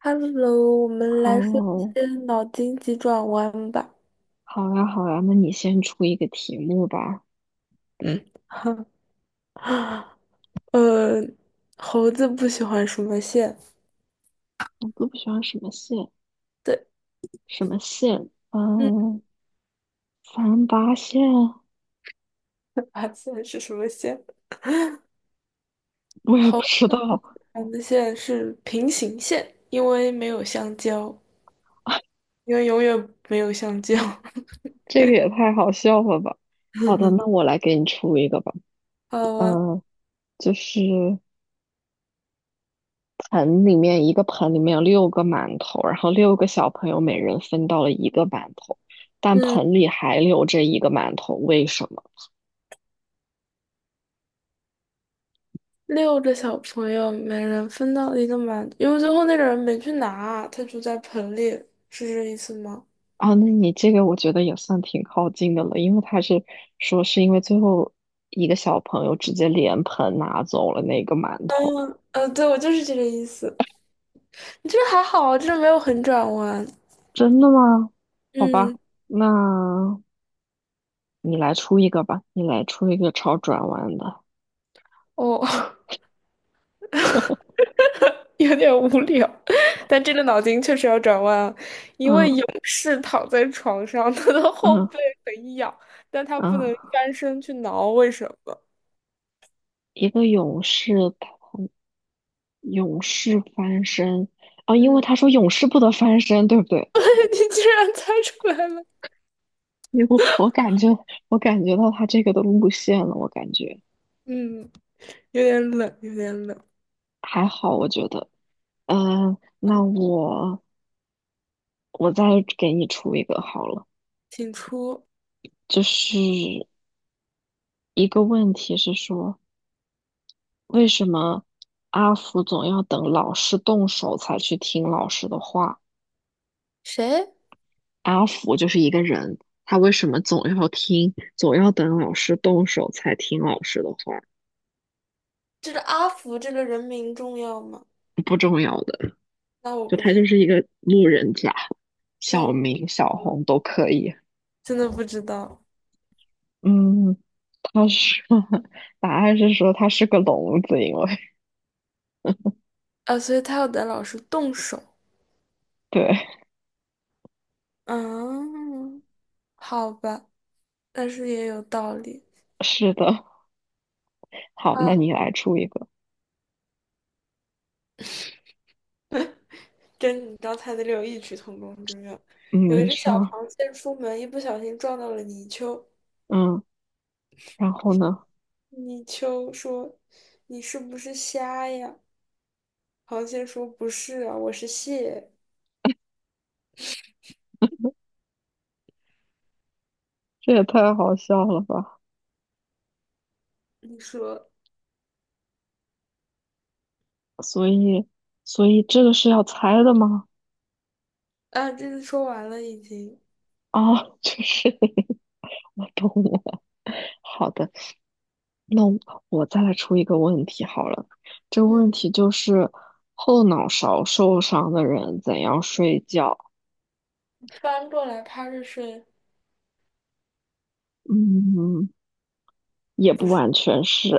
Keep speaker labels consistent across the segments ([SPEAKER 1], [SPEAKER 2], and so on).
[SPEAKER 1] Hello，我们来说一
[SPEAKER 2] 哦，
[SPEAKER 1] 些脑筋急转弯吧。
[SPEAKER 2] 好呀，好呀，那你先出一个题目吧。
[SPEAKER 1] 嗯。呃，猴子不喜欢什么线？
[SPEAKER 2] 我都不喜欢什么线？
[SPEAKER 1] 对。
[SPEAKER 2] 什么线？
[SPEAKER 1] 嗯。
[SPEAKER 2] 嗯，三八线？
[SPEAKER 1] 啊，线是什么线？
[SPEAKER 2] 我也
[SPEAKER 1] 猴
[SPEAKER 2] 不
[SPEAKER 1] 子
[SPEAKER 2] 知道，
[SPEAKER 1] 喜欢的线是平行线，因为没有香蕉，因为永远没有香蕉。
[SPEAKER 2] 这个也太好笑了吧。好的，那我来给你出一个吧。
[SPEAKER 1] 好啊。
[SPEAKER 2] 嗯，就是盆里面一个盆里面有六个馒头，然后六个小朋友每人分到了一个馒头，但
[SPEAKER 1] 嗯。
[SPEAKER 2] 盆里还留着一个馒头，为什么？
[SPEAKER 1] 6个小朋友每人分到了一个馒头，因为最后那个人没去拿，他就在盆里，是这意思吗？
[SPEAKER 2] 啊，那你这个我觉得也算挺靠近的了，因为他是说是因为最后一个小朋友直接连盆拿走了那个馒头，
[SPEAKER 1] 对，我就是这个意思。这还好啊，这没有很转弯。
[SPEAKER 2] 真的吗？好
[SPEAKER 1] 嗯。
[SPEAKER 2] 吧，那你来出一个吧，你来出一个超转弯的，
[SPEAKER 1] 哦，有点无聊，但这个脑筋确实要转弯啊。一位
[SPEAKER 2] 嗯
[SPEAKER 1] 勇士躺在床上，他的后
[SPEAKER 2] 嗯
[SPEAKER 1] 背很痒，但他不
[SPEAKER 2] 嗯，
[SPEAKER 1] 能翻身去挠，为什么？
[SPEAKER 2] 一个勇士他勇士翻身，啊，因为
[SPEAKER 1] 嗯，
[SPEAKER 2] 他说勇士不得翻身，对不对？
[SPEAKER 1] 你居然猜出来了。
[SPEAKER 2] 因为我感觉到他这个的路线了，我感觉
[SPEAKER 1] 嗯，有点冷，有点冷。
[SPEAKER 2] 还好，我觉得。嗯，那我再给你出一个好了，
[SPEAKER 1] 请出。
[SPEAKER 2] 就是一个问题是说，为什么阿福总要等老师动手才去听老师的话？
[SPEAKER 1] 谁？
[SPEAKER 2] 阿福就是一个人，他为什么总要等老师动手才听老师的话？
[SPEAKER 1] 这个阿福这个人名重要吗？那我
[SPEAKER 2] 就
[SPEAKER 1] 不
[SPEAKER 2] 他就
[SPEAKER 1] 知，
[SPEAKER 2] 是一个路人甲，
[SPEAKER 1] 那
[SPEAKER 2] 小
[SPEAKER 1] 我不，
[SPEAKER 2] 明、小
[SPEAKER 1] 嗯，
[SPEAKER 2] 红都可以。
[SPEAKER 1] 真的不知道。
[SPEAKER 2] 嗯，他是 答案是说他是个聋子，因为
[SPEAKER 1] 啊。所以他要等老师动手。
[SPEAKER 2] 对，
[SPEAKER 1] 嗯。好吧，但是也有道理。
[SPEAKER 2] 是的。好，那你
[SPEAKER 1] 啊。
[SPEAKER 2] 来出一个。
[SPEAKER 1] 跟你刚才的有异曲同工之妙。
[SPEAKER 2] 嗯，
[SPEAKER 1] 有一
[SPEAKER 2] 你
[SPEAKER 1] 只小
[SPEAKER 2] 说，
[SPEAKER 1] 螃蟹出门，一不小心撞到了泥鳅。
[SPEAKER 2] 嗯，然后呢？
[SPEAKER 1] 泥鳅说：“你是不是瞎呀？”螃蟹说：“不是啊，我是蟹。”
[SPEAKER 2] 这也太好笑了吧！
[SPEAKER 1] 你说
[SPEAKER 2] 所以，所以这个是要猜的吗？
[SPEAKER 1] 啊，这次说完了已经。
[SPEAKER 2] 啊，就是 我懂了。好的，那我再来出一个问题好了。这个问
[SPEAKER 1] 嗯，
[SPEAKER 2] 题就是后脑勺受伤的人怎样睡觉？
[SPEAKER 1] 翻过来趴着睡。
[SPEAKER 2] 嗯，也
[SPEAKER 1] 不
[SPEAKER 2] 不
[SPEAKER 1] 是，
[SPEAKER 2] 完全是，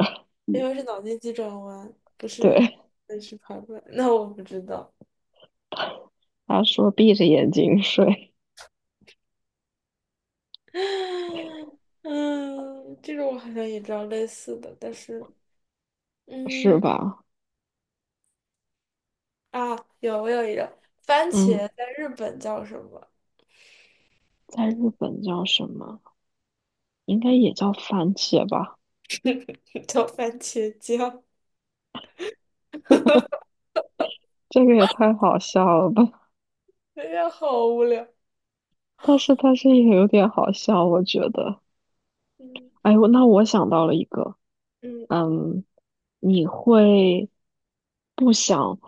[SPEAKER 1] 因为是脑筋急转弯，不 是，
[SPEAKER 2] 对，
[SPEAKER 1] 那是爬过来。那我不知道。
[SPEAKER 2] 他说闭着眼睛睡，
[SPEAKER 1] 嗯，这个我好像也知道类似的，但是，
[SPEAKER 2] 是
[SPEAKER 1] 嗯，
[SPEAKER 2] 吧？
[SPEAKER 1] 啊，我有一个。番
[SPEAKER 2] 嗯，
[SPEAKER 1] 茄在日本叫什么？
[SPEAKER 2] 在日本叫什么？应该也叫番茄吧？
[SPEAKER 1] 叫番茄酱。
[SPEAKER 2] 这个也太好笑了吧！
[SPEAKER 1] 哎呀，好无聊。
[SPEAKER 2] 但是也有点好笑，我觉得。
[SPEAKER 1] 嗯
[SPEAKER 2] 哎，那我想到了一个，
[SPEAKER 1] 嗯。
[SPEAKER 2] 嗯，你会不想，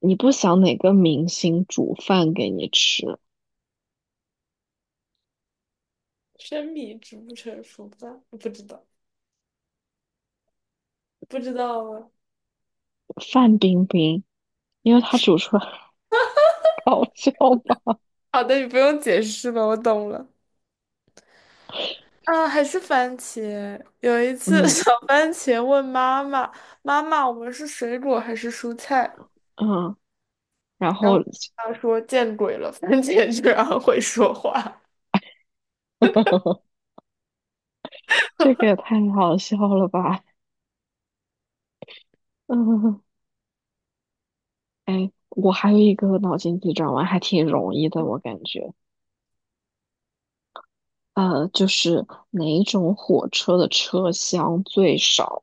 [SPEAKER 2] 你不想哪个明星煮饭给你吃？
[SPEAKER 1] 生米煮不成熟饭，不知道，不知道吗？
[SPEAKER 2] 范冰冰，因为她煮出来好笑吧？
[SPEAKER 1] 好的，你不用解释了，我懂了。啊，还是番茄。有一 次，
[SPEAKER 2] 嗯
[SPEAKER 1] 小番茄问妈妈：“妈妈，我们是水果还是蔬菜？”
[SPEAKER 2] 嗯，然
[SPEAKER 1] 然
[SPEAKER 2] 后
[SPEAKER 1] 后他说见鬼了，番茄居然会说话。
[SPEAKER 2] 这个也太好笑了吧？嗯，哎，我还有一个脑筋急转弯，还挺容易的，我感觉。就是哪一种火车的车厢最少？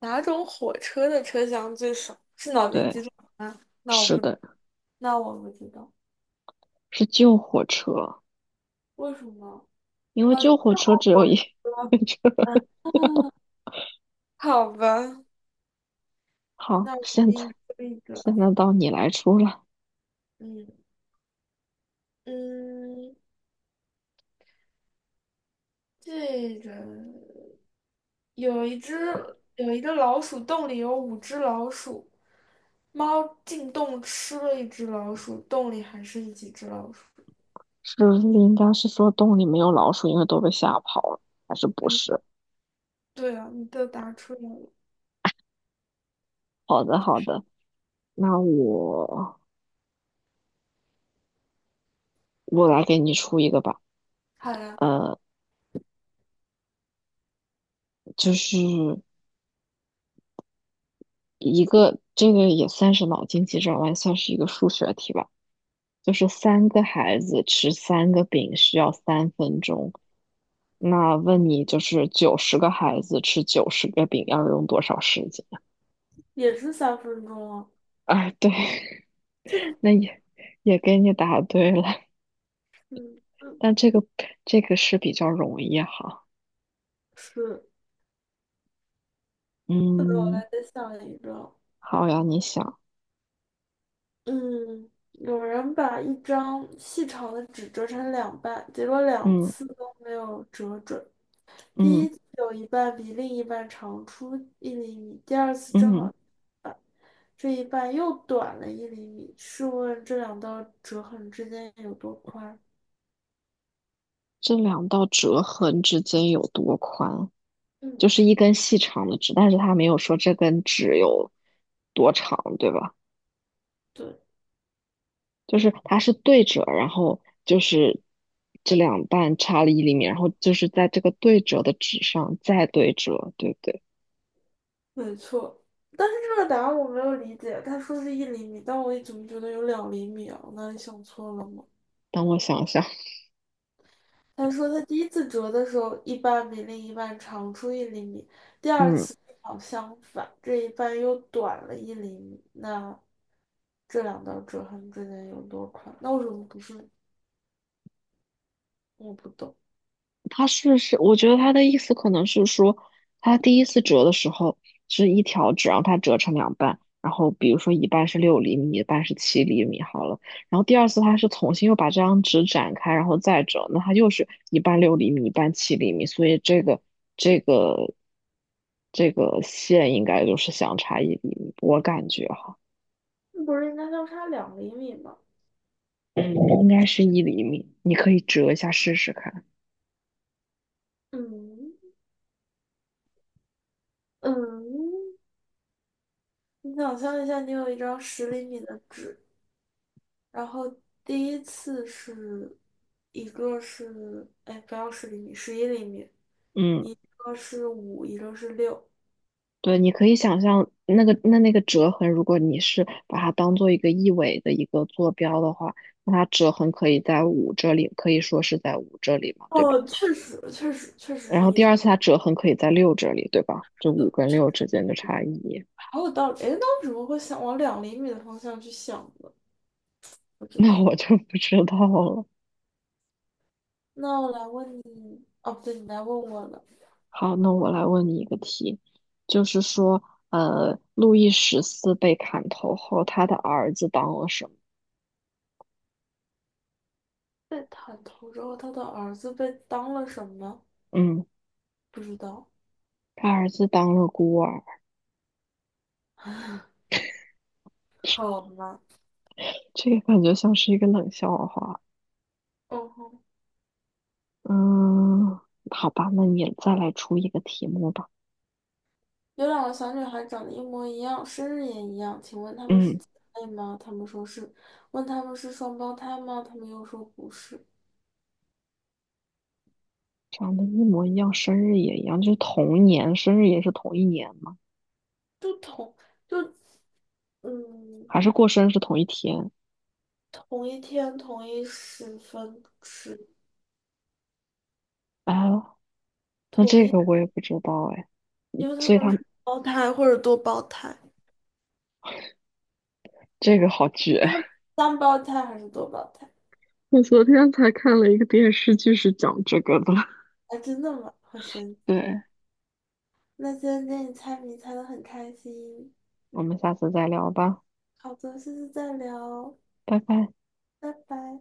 [SPEAKER 1] 哪种火车的车厢最少？是脑筋
[SPEAKER 2] 对，
[SPEAKER 1] 急转弯？
[SPEAKER 2] 是的，
[SPEAKER 1] 那我不知道，
[SPEAKER 2] 是旧火车，
[SPEAKER 1] 为什么？
[SPEAKER 2] 因为
[SPEAKER 1] 啊，知
[SPEAKER 2] 旧火车只有一。
[SPEAKER 1] 道。嗯。好吧。
[SPEAKER 2] 好，
[SPEAKER 1] 那我
[SPEAKER 2] 现
[SPEAKER 1] 给
[SPEAKER 2] 在
[SPEAKER 1] 你说一
[SPEAKER 2] 现
[SPEAKER 1] 个。
[SPEAKER 2] 在到你来出了，
[SPEAKER 1] 嗯嗯，这个有一个老鼠洞里有5只老鼠，猫进洞吃了一只老鼠，洞里还剩几只老鼠？
[SPEAKER 2] 是不是应该是说洞里没有老鼠，因为都被吓跑了，还是不
[SPEAKER 1] 嗯，
[SPEAKER 2] 是？
[SPEAKER 1] 对啊，你都答出来了。
[SPEAKER 2] 好的，好的，那我来给你出一个吧。
[SPEAKER 1] 好呀。
[SPEAKER 2] 呃，就是一个这个也算是脑筋急转弯，算是一个数学题吧。就是三个孩子吃三个饼需要3分钟，那问你就是90个孩子吃90个饼要用多少时间？
[SPEAKER 1] 也是3分钟啊。
[SPEAKER 2] 啊，对，
[SPEAKER 1] 这 个，
[SPEAKER 2] 那也给你答对了，
[SPEAKER 1] 嗯嗯，
[SPEAKER 2] 但这个这个是比较容易哈。
[SPEAKER 1] 是，
[SPEAKER 2] 嗯，
[SPEAKER 1] 还得想一个。
[SPEAKER 2] 好呀，你想，
[SPEAKER 1] 嗯，有人把一张细长的纸折成两半，结果两
[SPEAKER 2] 嗯
[SPEAKER 1] 次都没有折准。第
[SPEAKER 2] 嗯
[SPEAKER 1] 一次有一半比另一半长出一厘米，第二次正
[SPEAKER 2] 嗯，
[SPEAKER 1] 好这一半又短了一厘米。试问这两道折痕之间有多宽？
[SPEAKER 2] 这两道折痕之间有多宽？
[SPEAKER 1] 嗯。
[SPEAKER 2] 就是一根细长的纸，但是他没有说这根纸有多长，对吧？
[SPEAKER 1] 对。
[SPEAKER 2] 就是它是对折，然后就是这两半差了一厘米，然后就是在这个对折的纸上再对折，对不对？
[SPEAKER 1] 没错。但是这个答案我没有理解，他说是一厘米，但我怎么觉得有两厘米啊？我哪里想错了吗？
[SPEAKER 2] 等我想想，
[SPEAKER 1] 他说他第一次折的时候，一半比另一半长出一厘米，
[SPEAKER 2] 嗯。
[SPEAKER 1] 好相反，这一半又短了一厘米。那这两道折痕之间有多宽？那为什么不是？我不懂。
[SPEAKER 2] 他是，我觉得他的意思可能是说，他第一次折的时候是一条纸，让它折成两半，然后比如说一半是六厘米，一半是七厘米，好了。然后第二次他是重新又把这张纸展开，然后再折，那它又是一半六厘米，一半七厘米，所以这个这个线应该就是相差一厘米，我感觉哈，
[SPEAKER 1] 不是应该相差两厘米吗？
[SPEAKER 2] 嗯，应该是一厘米，你可以折一下试试看。
[SPEAKER 1] 嗯嗯，你想象一下，你有一张十厘米的纸。然后第一次是一个是哎不要十厘米，11厘米，
[SPEAKER 2] 嗯。
[SPEAKER 1] 一个是五，一个是六。
[SPEAKER 2] 对，你可以想象那个折痕，如果你是把它当做一个一维的一个坐标的话，那它折痕可以在五这里，可以说是在五这里嘛，对吧？
[SPEAKER 1] 哦，确实确实确实
[SPEAKER 2] 然
[SPEAKER 1] 是
[SPEAKER 2] 后
[SPEAKER 1] 一
[SPEAKER 2] 第
[SPEAKER 1] 厘
[SPEAKER 2] 二次它折痕可以在六这里，对吧？就
[SPEAKER 1] 米
[SPEAKER 2] 五
[SPEAKER 1] 的。
[SPEAKER 2] 跟六之间的差异，
[SPEAKER 1] 好有道理。哎，那为什么会想往两厘米的方向去想呢？不 知
[SPEAKER 2] 那
[SPEAKER 1] 道。
[SPEAKER 2] 我就不知道了。
[SPEAKER 1] 那我来问你，哦不对，你来问我了。
[SPEAKER 2] 好，那我来问你一个题，就是说，路易十四被砍头后，他的儿子当了什么？
[SPEAKER 1] 被砍头之后，他的儿子被当了什么？
[SPEAKER 2] 嗯，
[SPEAKER 1] 不知道。
[SPEAKER 2] 他儿子当了孤儿，
[SPEAKER 1] 好吗？
[SPEAKER 2] 这个感觉像是一个冷笑话。
[SPEAKER 1] 哦，
[SPEAKER 2] 嗯，好吧，那你再来出一个题目吧。
[SPEAKER 1] 有2个小女孩长得一模一样，生日也一样，请问她们是
[SPEAKER 2] 嗯，
[SPEAKER 1] 姐妹吗？她们说是。问她们是双胞胎吗？她们又说不是。
[SPEAKER 2] 长得一模一样，生日也一样，就是同年，生日也是同一年吗？
[SPEAKER 1] 就同就嗯，
[SPEAKER 2] 还是过生日是同一天？
[SPEAKER 1] 同一天、同一时分、是
[SPEAKER 2] 啊？那
[SPEAKER 1] 同
[SPEAKER 2] 这
[SPEAKER 1] 一，
[SPEAKER 2] 个我也不知道哎，
[SPEAKER 1] 因为她
[SPEAKER 2] 所以
[SPEAKER 1] 们
[SPEAKER 2] 他
[SPEAKER 1] 是胞胎或者多胞胎。
[SPEAKER 2] 这个好绝。
[SPEAKER 1] 三胞胎还是多胞胎？
[SPEAKER 2] 我昨天才看了一个电视剧，是讲这个的。
[SPEAKER 1] 啊，真的吗？好神奇！
[SPEAKER 2] 对，
[SPEAKER 1] 那今天跟你猜谜猜的很开心。
[SPEAKER 2] 我们下次再聊吧，
[SPEAKER 1] 好的，下次再聊。
[SPEAKER 2] 拜拜。
[SPEAKER 1] 拜拜。